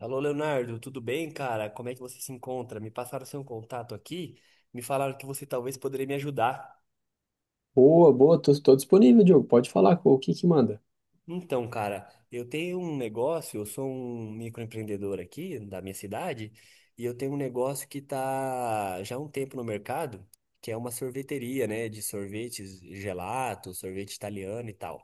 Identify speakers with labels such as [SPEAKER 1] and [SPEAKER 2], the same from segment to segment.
[SPEAKER 1] Alô, Leonardo, tudo bem, cara? Como é que você se encontra? Me passaram seu contato aqui, me falaram que você talvez poderia me ajudar.
[SPEAKER 2] Boa, boa, tô disponível, Diogo. Pode falar, o que que manda?
[SPEAKER 1] Então, cara, eu tenho um negócio, eu sou um microempreendedor aqui da minha cidade, e eu tenho um negócio que tá já há um tempo no mercado, que é uma sorveteria, né, de sorvetes, gelato, sorvete italiano e tal.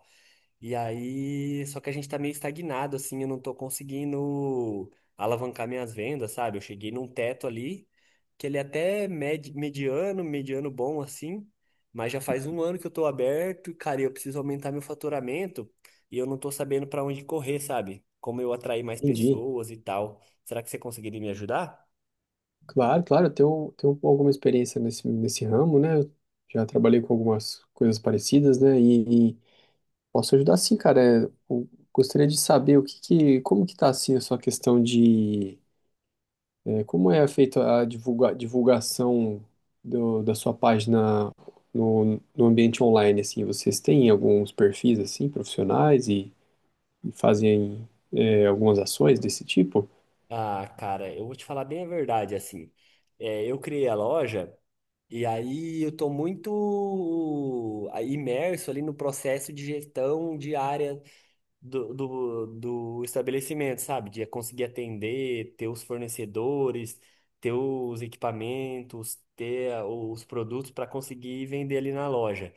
[SPEAKER 1] E aí, só que a gente tá meio estagnado, assim, eu não tô conseguindo alavancar minhas vendas, sabe? Eu cheguei num teto ali, que ele é até mediano, mediano bom, assim, mas já faz um ano que eu tô aberto, e, cara, eu preciso aumentar meu faturamento e eu não tô sabendo pra onde correr, sabe? Como eu atrair mais
[SPEAKER 2] Entendi.
[SPEAKER 1] pessoas e tal. Será que você conseguiria me ajudar?
[SPEAKER 2] Claro, claro, eu tenho alguma experiência nesse ramo, né? Eu já trabalhei com algumas coisas parecidas, né? E posso ajudar sim, cara. Eu gostaria de saber como que tá assim a sua questão de como é feita a divulgação da sua página no ambiente online, assim? Vocês têm alguns perfis, assim, profissionais e fazem algumas ações desse tipo?
[SPEAKER 1] Ah, cara, eu vou te falar bem a verdade, assim. É, eu criei a loja. E aí eu estou muito imerso ali no processo de gestão diária do estabelecimento, sabe? De conseguir atender, ter os fornecedores, ter os equipamentos, ter os produtos para conseguir vender ali na loja.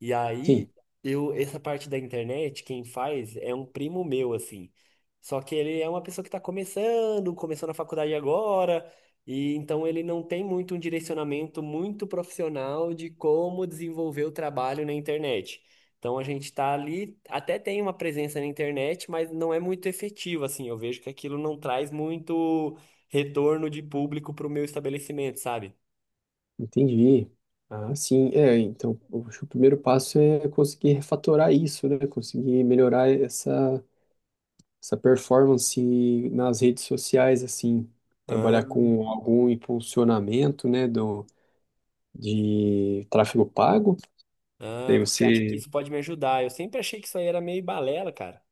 [SPEAKER 1] E
[SPEAKER 2] Sim,
[SPEAKER 1] aí, eu, essa parte da internet, quem faz é um primo meu, assim. Só que ele é uma pessoa que está começando, começou na faculdade agora, e então ele não tem muito um direcionamento muito profissional de como desenvolver o trabalho na internet. Então a gente está ali, até tem uma presença na internet, mas não é muito efetiva, assim. Eu vejo que aquilo não traz muito retorno de público para o meu estabelecimento, sabe?
[SPEAKER 2] entendi. Ah, sim, então, eu acho que o primeiro passo é conseguir refatorar isso, né? Conseguir melhorar essa performance nas redes sociais, assim. Trabalhar com algum impulsionamento, né, de tráfego pago.
[SPEAKER 1] Ah,
[SPEAKER 2] Daí
[SPEAKER 1] você acha que
[SPEAKER 2] você,
[SPEAKER 1] isso pode me ajudar? Eu sempre achei que isso aí era meio balela, cara.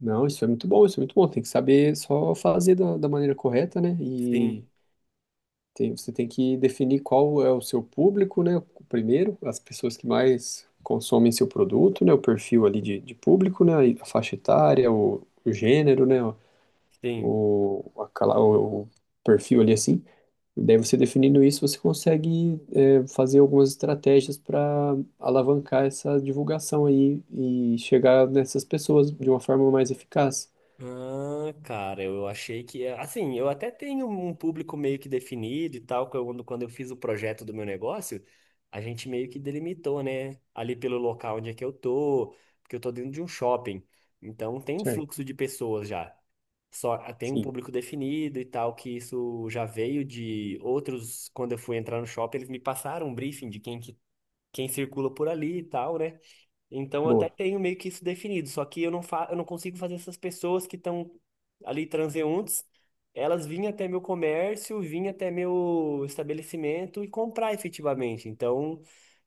[SPEAKER 2] não, isso é muito bom, isso é muito bom. Tem que saber só fazer da maneira correta, né? E
[SPEAKER 1] Sim,
[SPEAKER 2] tem, você tem que definir qual é o seu público, né? Primeiro, as pessoas que mais consomem seu produto, né? O perfil ali de público, né? A faixa etária, o gênero, né?
[SPEAKER 1] sim.
[SPEAKER 2] O, a cala- o perfil ali assim. E daí você definindo isso, você consegue fazer algumas estratégias para alavancar essa divulgação aí e chegar nessas pessoas de uma forma mais eficaz.
[SPEAKER 1] Ah, cara, eu achei que. É, assim, eu até tenho um público meio que definido e tal. Quando eu fiz o projeto do meu negócio, a gente meio que delimitou, né? Ali pelo local onde é que eu tô, porque eu tô dentro de um shopping. Então tem um
[SPEAKER 2] Certo,
[SPEAKER 1] fluxo de pessoas já. Só tem um
[SPEAKER 2] sim,
[SPEAKER 1] público definido e tal, que isso já veio de outros. Quando eu fui entrar no shopping, eles me passaram um briefing de quem circula por ali e tal, né? Então eu até
[SPEAKER 2] boa.
[SPEAKER 1] tenho meio que isso definido, só que eu não fa eu não consigo fazer essas pessoas que estão ali transeuntes, elas vinham até meu comércio, vinham até meu estabelecimento e comprar efetivamente. Então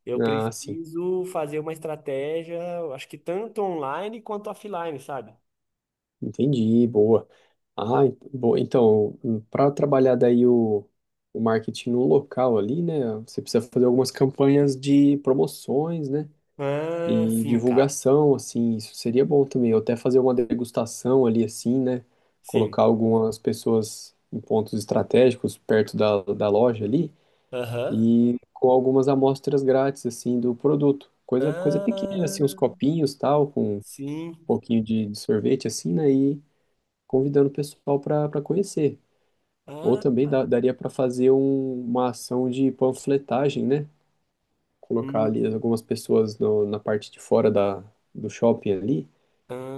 [SPEAKER 1] eu
[SPEAKER 2] Ah, sim,
[SPEAKER 1] preciso fazer uma estratégia, eu acho que tanto online quanto offline, sabe?
[SPEAKER 2] entendi, boa. Boa. Então, para trabalhar daí o marketing no local ali, né? Você precisa fazer algumas campanhas de promoções, né?
[SPEAKER 1] Ah,
[SPEAKER 2] E
[SPEAKER 1] sim, cara.
[SPEAKER 2] divulgação, assim, isso seria bom também. Ou até fazer uma degustação ali, assim, né?
[SPEAKER 1] Sim.
[SPEAKER 2] Colocar algumas pessoas em pontos estratégicos perto da loja ali
[SPEAKER 1] Aham.
[SPEAKER 2] e com algumas amostras grátis, assim, do produto. Coisa, coisa pequena, assim, uns
[SPEAKER 1] Ah,
[SPEAKER 2] copinhos, tal, com
[SPEAKER 1] sim.
[SPEAKER 2] pouquinho de sorvete assim, né? E convidando o pessoal para conhecer. Ou
[SPEAKER 1] Ah,
[SPEAKER 2] também daria para fazer uma ação de panfletagem, né? Colocar ali
[SPEAKER 1] hum.
[SPEAKER 2] algumas pessoas na parte de fora da, do shopping ali,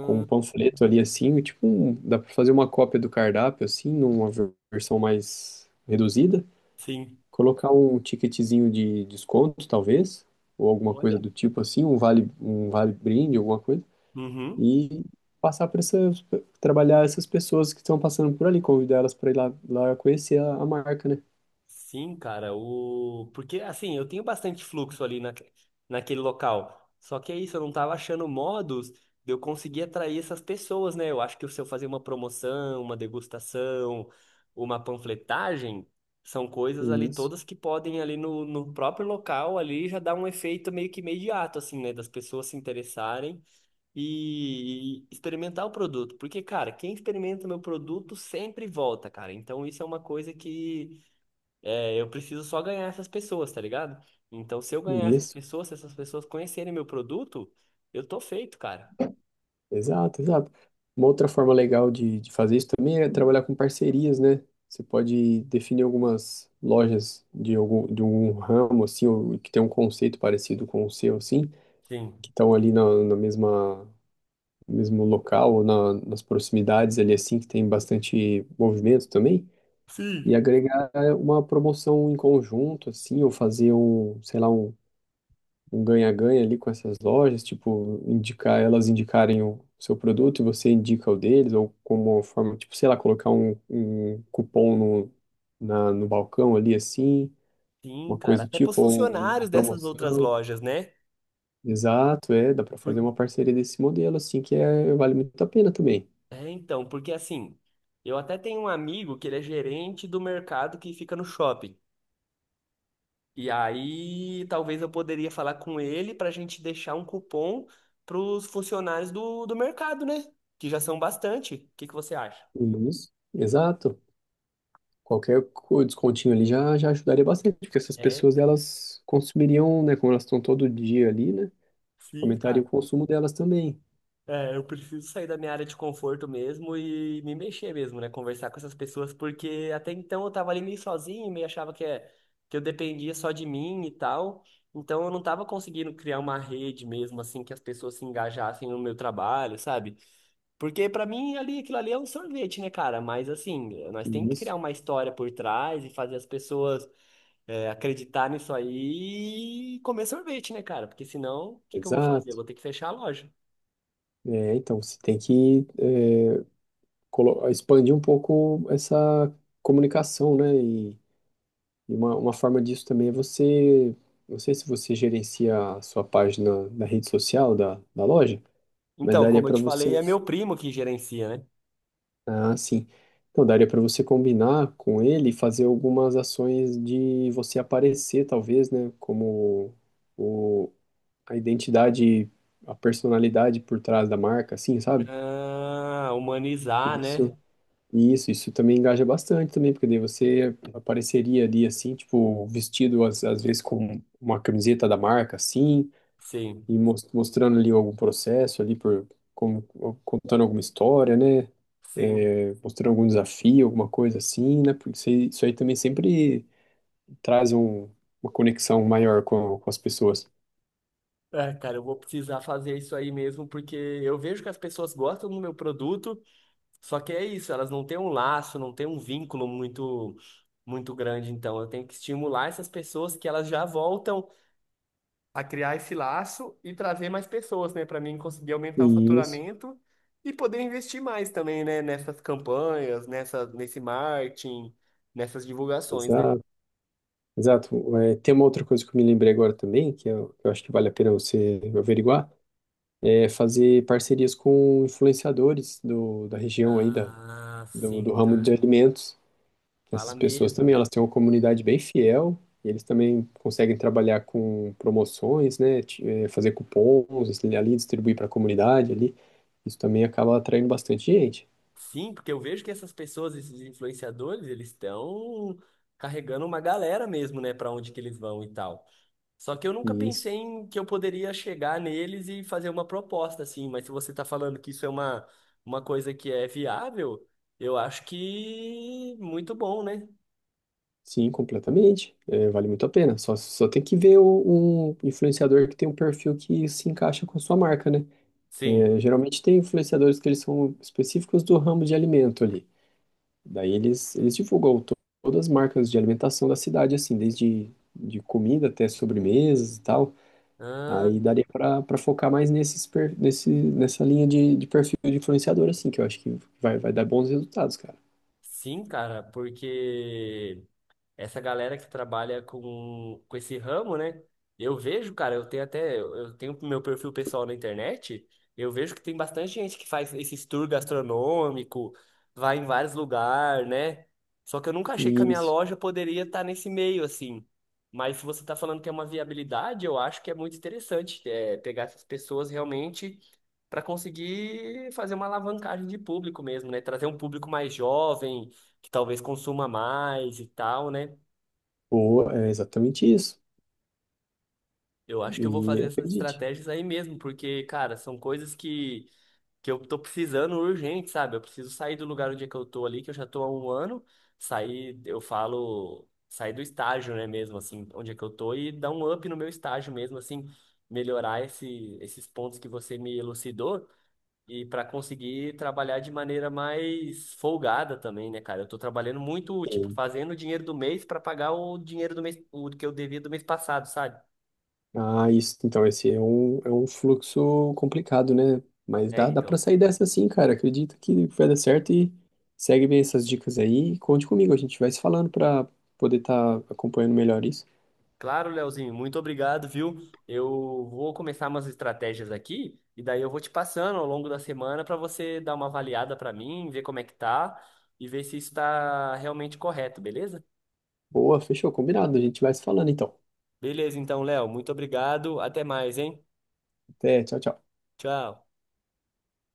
[SPEAKER 2] com um panfleto ali assim, tipo, dá para fazer uma cópia do cardápio assim, numa versão mais reduzida.
[SPEAKER 1] sim.
[SPEAKER 2] Colocar um ticketzinho de desconto, talvez, ou alguma coisa
[SPEAKER 1] Olha.
[SPEAKER 2] do tipo assim, um vale brinde, alguma coisa
[SPEAKER 1] Uhum.
[SPEAKER 2] e passar por essas, trabalhar essas pessoas que estão passando por ali, convidar elas para ir lá, lá conhecer a marca, né?
[SPEAKER 1] Sim, cara, o... porque assim, eu tenho bastante fluxo ali na... naquele local. Só que é isso, eu não tava achando modos de eu conseguir atrair essas pessoas, né? Eu acho que se eu fazer uma promoção, uma degustação, uma panfletagem, são coisas ali
[SPEAKER 2] Isso,
[SPEAKER 1] todas que podem ali no próprio local ali já dar um efeito meio que imediato, assim, né? Das pessoas se interessarem e experimentar o produto. Porque, cara, quem experimenta meu produto sempre volta, cara. Então isso é uma coisa que é, eu preciso só ganhar essas pessoas, tá ligado? Então, se eu ganhar essas
[SPEAKER 2] isso,
[SPEAKER 1] pessoas, se essas pessoas conhecerem meu produto, eu tô feito, cara.
[SPEAKER 2] exato, exato. Uma outra forma legal de fazer isso também é trabalhar com parcerias, né? Você pode definir algumas lojas de algum, de um ramo, assim, ou que tem um conceito parecido com o seu, assim,
[SPEAKER 1] Sim.
[SPEAKER 2] que estão ali no mesmo local ou nas proximidades ali, assim, que tem bastante movimento também. E
[SPEAKER 1] Sim.
[SPEAKER 2] agregar uma promoção em conjunto, assim, ou fazer um, sei lá, um ganha-ganha ali com essas lojas, tipo, indicar elas indicarem o seu produto e você indica o deles, ou como uma forma, tipo, sei lá, colocar um cupom no balcão ali, assim,
[SPEAKER 1] Sim,
[SPEAKER 2] uma
[SPEAKER 1] cara.
[SPEAKER 2] coisa do
[SPEAKER 1] Até pros
[SPEAKER 2] tipo, ou uma
[SPEAKER 1] funcionários dessas outras
[SPEAKER 2] promoção.
[SPEAKER 1] lojas, né?
[SPEAKER 2] Exato, é, dá para fazer
[SPEAKER 1] Por-
[SPEAKER 2] uma parceria desse modelo, assim, que é, vale muito a pena também.
[SPEAKER 1] É, então, porque assim, eu até tenho um amigo que ele é gerente do mercado que fica no shopping. E aí, talvez eu poderia falar com ele pra gente deixar um cupom pros funcionários do mercado, né? Que já são bastante. O que que você acha?
[SPEAKER 2] Isso, exato. Qualquer descontinho ali já ajudaria bastante, porque essas
[SPEAKER 1] É,
[SPEAKER 2] pessoas elas consumiriam, né, como elas estão todo dia ali, né,
[SPEAKER 1] sim,
[SPEAKER 2] aumentaria
[SPEAKER 1] cara.
[SPEAKER 2] o consumo delas também.
[SPEAKER 1] É, eu preciso sair da minha área de conforto mesmo e me mexer mesmo, né? Conversar com essas pessoas, porque até então eu tava ali meio sozinho, meio achava que, é, que eu dependia só de mim e tal. Então eu não tava conseguindo criar uma rede mesmo, assim, que as pessoas se engajassem no meu trabalho, sabe? Porque pra mim ali, aquilo ali é um sorvete, né, cara? Mas assim, nós temos que criar
[SPEAKER 2] Isso,
[SPEAKER 1] uma história por trás e fazer as pessoas acreditar nisso aí e comer sorvete, né, cara? Porque senão, o que que eu vou fazer? Eu
[SPEAKER 2] exato.
[SPEAKER 1] vou ter que fechar a loja.
[SPEAKER 2] É, então você tem que expandir um pouco essa comunicação, né, e, uma forma disso também é você, não sei se você gerencia a sua página da rede social da loja, mas
[SPEAKER 1] Então,
[SPEAKER 2] daria
[SPEAKER 1] como eu
[SPEAKER 2] para
[SPEAKER 1] te falei,
[SPEAKER 2] você.
[SPEAKER 1] é meu primo que gerencia, né?
[SPEAKER 2] Ah, sim. Então, daria para você combinar com ele e fazer algumas ações de você aparecer, talvez, né? Como o, a identidade, a personalidade por trás da marca, assim, sabe?
[SPEAKER 1] Ah, humanizar, né?
[SPEAKER 2] Isso, isso também engaja bastante também, porque daí você apareceria ali, assim, tipo, vestido às vezes com uma camiseta da marca, assim,
[SPEAKER 1] Sim,
[SPEAKER 2] e mostrando ali algum processo ali por como contando alguma história, né?
[SPEAKER 1] sim.
[SPEAKER 2] É, mostrando algum desafio, alguma coisa assim, né? Porque isso aí também sempre traz uma conexão maior com as pessoas.
[SPEAKER 1] É, cara, eu vou precisar fazer isso aí mesmo, porque eu vejo que as pessoas gostam do meu produto, só que é isso, elas não têm um laço, não têm um vínculo muito, muito grande. Então, eu tenho que estimular essas pessoas que elas já voltam. A criar esse laço e trazer mais pessoas, né, para mim conseguir aumentar o
[SPEAKER 2] Isso,
[SPEAKER 1] faturamento e poder investir mais também, né, nessas campanhas, nesse marketing, nessas divulgações, né?
[SPEAKER 2] exato, exato. É, tem uma outra coisa que eu me lembrei agora também, que eu acho que vale a pena você averiguar, é fazer parcerias com influenciadores da região aí,
[SPEAKER 1] Ah, sim,
[SPEAKER 2] do ramo
[SPEAKER 1] cara.
[SPEAKER 2] de alimentos.
[SPEAKER 1] Fala
[SPEAKER 2] Essas pessoas também,
[SPEAKER 1] mesmo.
[SPEAKER 2] elas têm uma comunidade bem fiel, e eles também conseguem trabalhar com promoções, né, fazer cupons, assim, ali distribuir para a comunidade ali. Isso também acaba atraindo bastante gente.
[SPEAKER 1] Sim, porque eu vejo que essas pessoas, esses influenciadores, eles estão carregando uma galera mesmo, né, para onde que eles vão e tal. Só que eu nunca
[SPEAKER 2] E isso,
[SPEAKER 1] pensei em que eu poderia chegar neles e fazer uma proposta assim, mas se você está falando que isso é uma coisa que é viável, eu acho que muito bom, né?
[SPEAKER 2] sim, completamente. Eh, vale muito a pena. Só, só tem que ver um influenciador que tem um perfil que se encaixa com a sua marca, né?
[SPEAKER 1] Sim.
[SPEAKER 2] Eh, geralmente tem influenciadores que eles são específicos do ramo de alimento ali. Daí eles todas as marcas de alimentação da cidade, assim, desde de comida até sobremesas e tal.
[SPEAKER 1] Ah,
[SPEAKER 2] Aí daria para focar mais nessa linha de perfil de influenciador, assim, que eu acho que vai dar bons resultados, cara.
[SPEAKER 1] sim, cara, porque essa galera que trabalha com esse ramo, né? Eu vejo, cara, eu tenho meu perfil pessoal na internet, eu vejo que tem bastante gente que faz esses tour gastronômico, vai em vários lugares, né? Só que eu nunca achei que a minha
[SPEAKER 2] Isso.
[SPEAKER 1] loja poderia estar nesse meio, assim. Mas se você está falando que é uma viabilidade, eu acho que é muito interessante, é, pegar essas pessoas realmente para conseguir fazer uma alavancagem de público mesmo, né? Trazer um público mais jovem, que talvez consuma mais e tal, né?
[SPEAKER 2] Boa, é exatamente isso.
[SPEAKER 1] Eu acho que eu vou fazer
[SPEAKER 2] E
[SPEAKER 1] essas
[SPEAKER 2] acredite.
[SPEAKER 1] estratégias aí mesmo, porque, cara, são coisas que eu tô precisando urgente, sabe? Eu preciso sair do lugar onde é que eu tô ali, que eu já tô há um ano, sair, eu falo, sair do estágio, né, mesmo, assim, onde é que eu tô, e dar um up no meu estágio mesmo, assim, melhorar esses pontos que você me elucidou, e para conseguir trabalhar de maneira mais folgada também, né, cara? Eu tô trabalhando muito, tipo, fazendo o dinheiro do mês para pagar o dinheiro do mês, o que eu devia do mês passado, sabe?
[SPEAKER 2] Ah, isso, então esse é um fluxo complicado, né? Mas
[SPEAKER 1] É,
[SPEAKER 2] dá, dá para
[SPEAKER 1] então.
[SPEAKER 2] sair dessa sim, cara. Acredito que vai dar certo e segue bem essas dicas aí. E conte comigo, a gente vai se falando para poder estar acompanhando melhor isso.
[SPEAKER 1] Claro, Leozinho, muito obrigado, viu? Eu vou começar umas estratégias aqui e daí eu vou te passando ao longo da semana para você dar uma avaliada para mim, ver como é que tá e ver se isso está realmente correto, beleza?
[SPEAKER 2] Boa, fechou, combinado. A gente vai se falando então.
[SPEAKER 1] Beleza, então, Léo, muito obrigado. Até mais, hein?
[SPEAKER 2] Até, tchau, tchau.
[SPEAKER 1] Tchau.